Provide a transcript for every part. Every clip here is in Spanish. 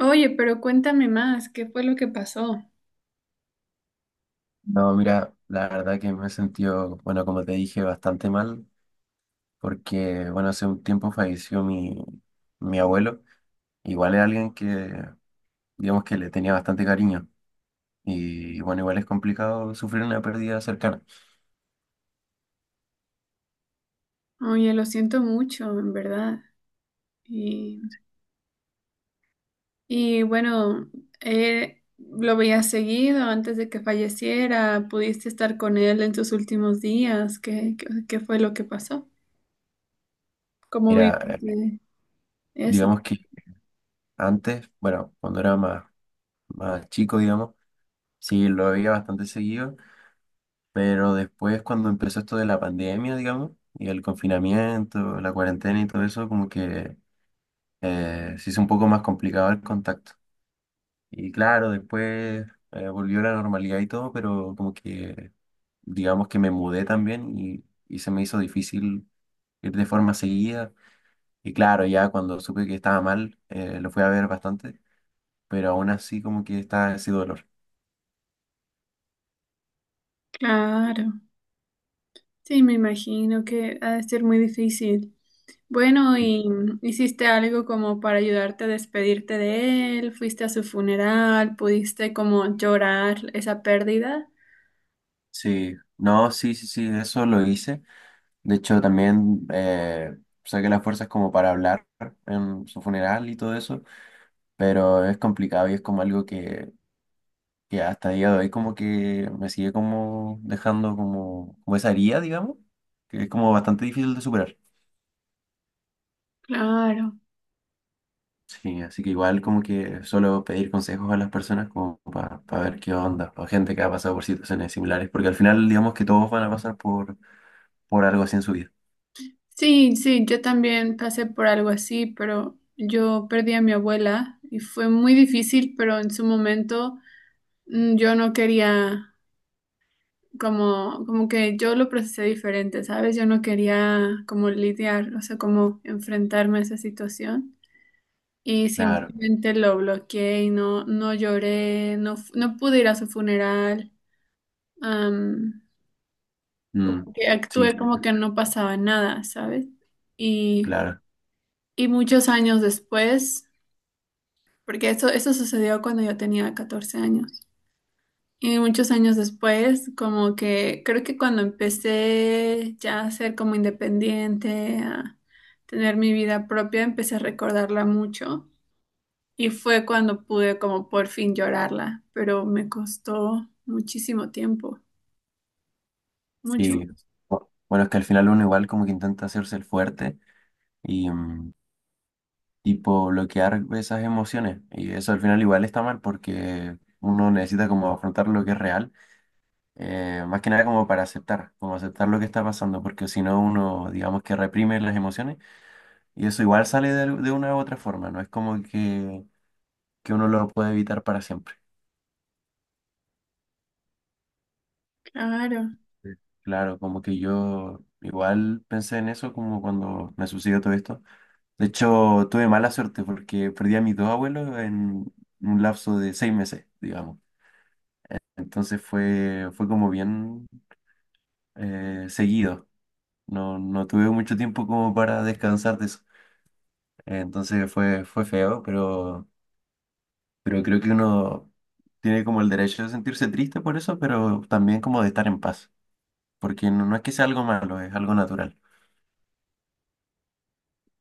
Oye, pero cuéntame más, ¿qué fue lo que pasó? No, mira, la verdad que me he sentido, bueno, como te dije, bastante mal, porque, bueno, hace un tiempo falleció mi abuelo, igual es alguien que, digamos que le tenía bastante cariño, y bueno, igual es complicado sufrir una pérdida cercana. Oye, lo siento mucho, en verdad. Y, y bueno, lo veías seguido antes de que falleciera, pudiste estar con él en sus últimos días, ¿qué fue lo que pasó? ¿Cómo Mira, viviste eso? digamos que antes, bueno, cuando era más chico, digamos, sí, lo veía bastante seguido, pero después cuando empezó esto de la pandemia, digamos, y el confinamiento, la cuarentena y todo eso, se hizo un poco más complicado el contacto. Y claro, después volvió la normalidad y todo, pero como que digamos que me mudé también y se me hizo difícil ir de forma seguida. Y claro, ya cuando supe que estaba mal, lo fui a ver bastante, pero aún así como que está ese dolor. Claro. Sí, me imagino que ha de ser muy difícil. Bueno, Sí. ¿y hiciste algo como para ayudarte a despedirte de él? ¿Fuiste a su funeral? ¿Pudiste como llorar esa pérdida? Sí, no, sí, sí, sí, eso lo hice. De hecho, también saqué las fuerzas como para hablar en su funeral y todo eso, pero es complicado y es como algo que hasta día de hoy como que me sigue como dejando como, como esa herida, digamos, que es como bastante difícil de superar. Claro. Sí, así que igual como que suelo pedir consejos a las personas como para ver qué onda, o gente que ha pasado por situaciones similares, porque al final digamos que todos van a pasar por algo así en su vida. Sí, sí, yo también pasé por algo así, pero yo perdí a mi abuela y fue muy difícil, pero en su momento yo no quería, como que yo lo procesé diferente, ¿sabes? Yo no quería como lidiar, o sea, como enfrentarme a esa situación. Y Claro, simplemente lo bloqueé y no lloré, no, no pude ir a su funeral. am, mm, Como que sí, actué como que no pasaba nada, ¿sabes? Y, claro, y muchos años después, porque eso sucedió cuando yo tenía 14 años. Y muchos años después, como que creo que cuando empecé ya a ser como independiente, a tener mi vida propia, empecé a recordarla mucho. Y fue cuando pude como por fin llorarla, pero me costó muchísimo tiempo, mucho, sí. Bueno, es que al final uno igual como que intenta hacerse el fuerte. Y, mm, Tipo bloquear esas emociones. Y eso al final igual está mal porque uno necesita como afrontar lo que es real, más que nada como para aceptar, como aceptar lo que está pasando, porque si no uno digamos que reprime las emociones y eso igual sale de una u otra forma, no es como que uno lo puede evitar para siempre. claro. Sí. Claro, como que yo igual pensé en eso como cuando me sucedió todo esto. De hecho, tuve mala suerte porque perdí a mis dos abuelos en un lapso de seis meses, digamos. Entonces fue como bien seguido. No, no tuve mucho tiempo como para descansar de eso. Entonces fue feo, pero creo que uno tiene como el derecho de sentirse triste por eso, pero también como de estar en paz. Porque no, no es que sea algo malo, es algo natural.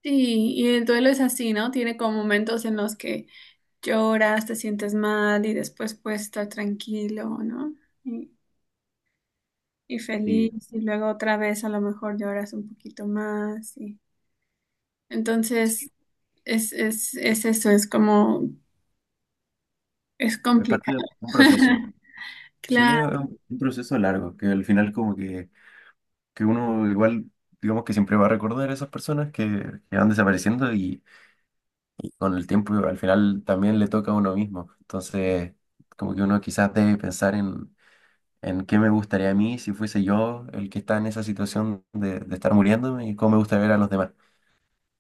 Sí, y el duelo es así, ¿no? Tiene como momentos en los que lloras, te sientes mal y después puedes estar tranquilo, ¿no? Y, y feliz Sí, y luego otra vez a lo mejor lloras un poquito más y sí, entonces es eso, es como, es es parte complicado. de un proceso. Sí, Claro, es un proceso largo, que al final como que uno igual, digamos que siempre va a recordar a esas personas que van desapareciendo con el tiempo al final también le toca a uno mismo. Entonces, como que uno quizás debe pensar en qué me gustaría a mí si fuese yo el que está en esa situación de estar muriéndome y cómo me gusta ver a los demás.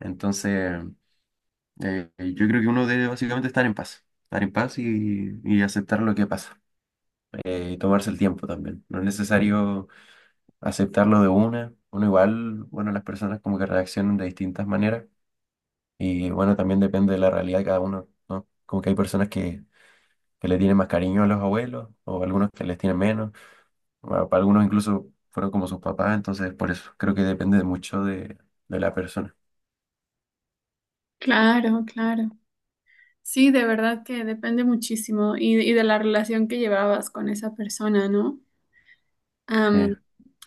Entonces, yo creo que uno debe básicamente estar en paz y aceptar lo que pasa, y tomarse el tiempo también. No es necesario aceptarlo de una. Uno igual, bueno, las personas como que reaccionan de distintas maneras. Y bueno, también depende de la realidad de cada uno, ¿no? Como que hay personas que le tienen más cariño a los abuelos o algunos que les tienen menos. Bueno, para algunos incluso fueron como sus papás, entonces por eso creo que depende de mucho de la persona. claro, claro. Sí, de verdad que depende muchísimo y de la relación que llevabas con esa persona, ¿no? Am, Sí,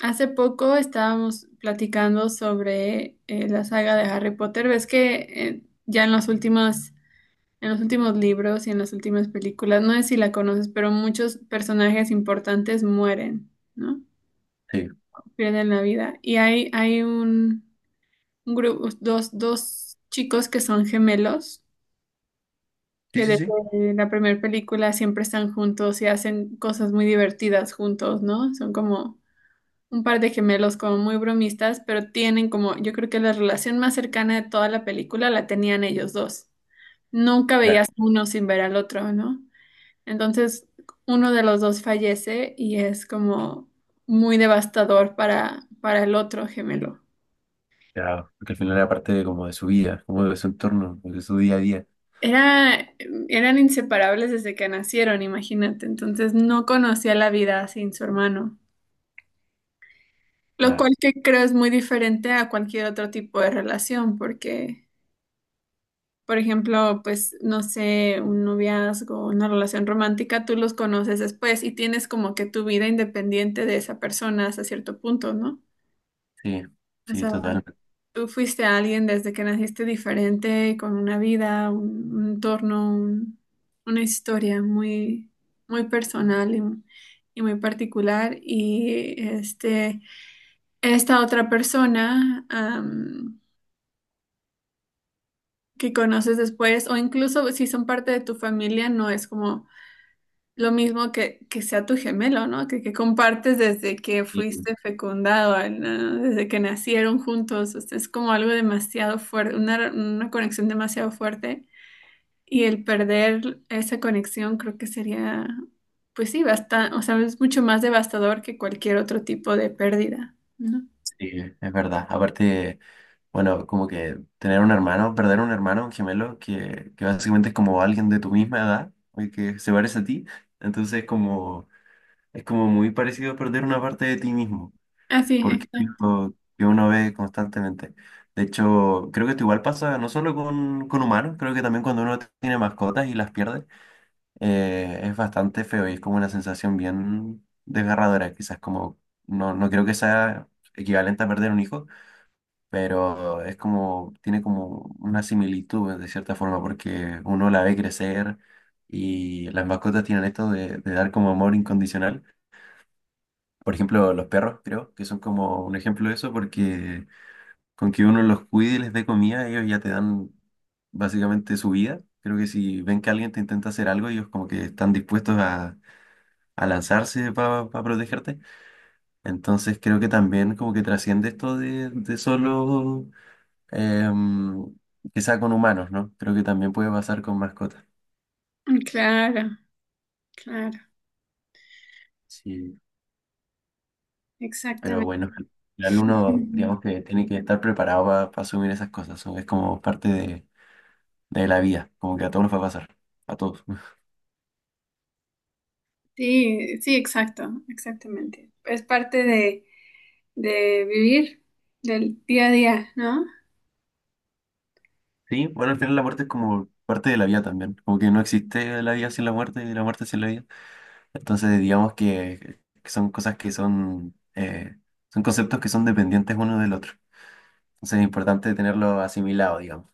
Hace poco estábamos platicando sobre la saga de Harry Potter. Ves que ya en los últimos libros y en las últimas películas, no sé si la conoces, pero muchos personajes importantes mueren, ¿no? sí, Pierden la vida. Y hay un grupo, dos chicos que son gemelos sí, que sí, sí, desde la primera película siempre están juntos y hacen cosas muy divertidas juntos, ¿no? Son como un par de gemelos como muy bromistas, pero tienen como, yo creo que la relación más cercana de toda la película la tenían ellos dos. Nunca claro. veías uno sin ver al otro, ¿no? Entonces, uno de los dos fallece y es como muy devastador para el otro gemelo. Claro, porque al final era parte de, como de su vida, como de su entorno, de su día a día. Era, eran inseparables desde que nacieron, imagínate. Entonces, no conocía la vida sin su hermano. Lo Claro, cual que creo es muy diferente a cualquier otro tipo de relación, porque, por ejemplo, pues, no sé, un noviazgo, una relación romántica, tú los conoces después y tienes como que tu vida independiente de esa persona hasta cierto punto, ¿no? sí, O sí, sea, total. tú fuiste alguien desde que naciste diferente, con una vida, un entorno, una historia muy, muy personal y muy particular. Y este, esta otra persona... que conoces después, o incluso si son parte de tu familia, no es como lo mismo que sea tu gemelo, ¿no? Que compartes desde que Sí, fuiste fecundado, ¿no? Desde que nacieron juntos, o sea, es como algo demasiado fuerte, una conexión demasiado fuerte, y el perder esa conexión creo que sería, pues sí, bastante, o sea, es mucho más devastador que cualquier otro tipo de pérdida, ¿no? sí, es verdad. Aparte, bueno, como que tener un hermano, perder un hermano, un gemelo, que básicamente es como alguien de tu misma edad, y que se parece a ti. Entonces, como es como muy parecido a perder una parte de ti mismo, Ah, sí, porque es exacto. algo que uno ve constantemente. De hecho, creo que esto igual pasa no solo con humanos, creo que también cuando uno tiene mascotas y las pierde, es bastante feo y es como una sensación bien desgarradora, quizás como, no, no creo que sea equivalente a perder un hijo, pero es como, tiene como una similitud de cierta forma, porque uno la ve crecer y las mascotas tienen esto de dar como amor incondicional. Por ejemplo, los perros, creo que son como un ejemplo de eso, porque con que uno los cuide y les dé comida, ellos ya te dan básicamente su vida. Creo que si ven que alguien te intenta hacer algo, ellos como que están dispuestos a lanzarse para protegerte. Entonces creo que también como que trasciende esto de solo em, que sea con humanos, ¿no? Creo que también puede pasar con mascotas. Claro, claro, Sí. Pero exactamente. bueno, al final uno, digamos que tiene que estar preparado para asumir esas cosas, ¿no? Es como parte de la vida, como que a todos nos va a pasar, a todos. Sí, sí, exacto, exactamente. Es parte de vivir del día a día, ¿no? Sí, bueno, al final la muerte es como parte de la vida también, como que no existe la vida sin la muerte y la muerte sin la vida. Entonces, digamos que son cosas que son conceptos que son dependientes uno del otro. Entonces, es importante tenerlo asimilado, digamos.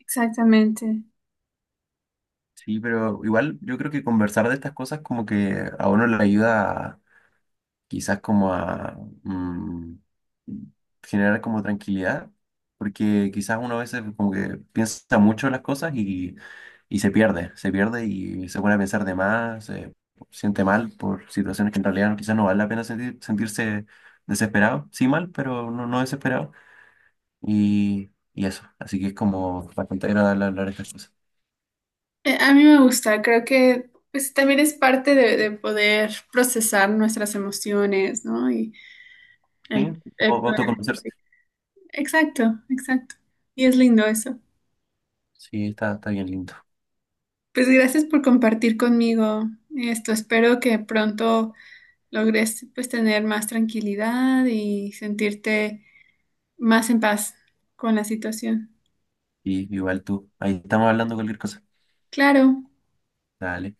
Exactamente. Sí, pero igual yo creo que conversar de estas cosas como que a uno le ayuda quizás como a mm, generar como tranquilidad, porque quizás uno a veces como que piensa mucho en las cosas y se pierde y se pone a pensar de más, se siente mal por situaciones que en realidad quizás no vale la pena sentirse desesperado, sí mal, pero no, no desesperado, y eso, así que es como bastante agradable hablar estas cosas. A mí me gusta, creo que pues también es parte de poder procesar nuestras emociones, ¿no? Y Sí, el, o autoconocerse. Exacto, exacto. Y es lindo eso. Sí, está, está bien lindo. Pues gracias por compartir conmigo esto. Espero que pronto logres pues tener más tranquilidad y sentirte más en paz con la situación. Y igual tú, ahí estamos hablando cualquier cosa. Claro. Dale.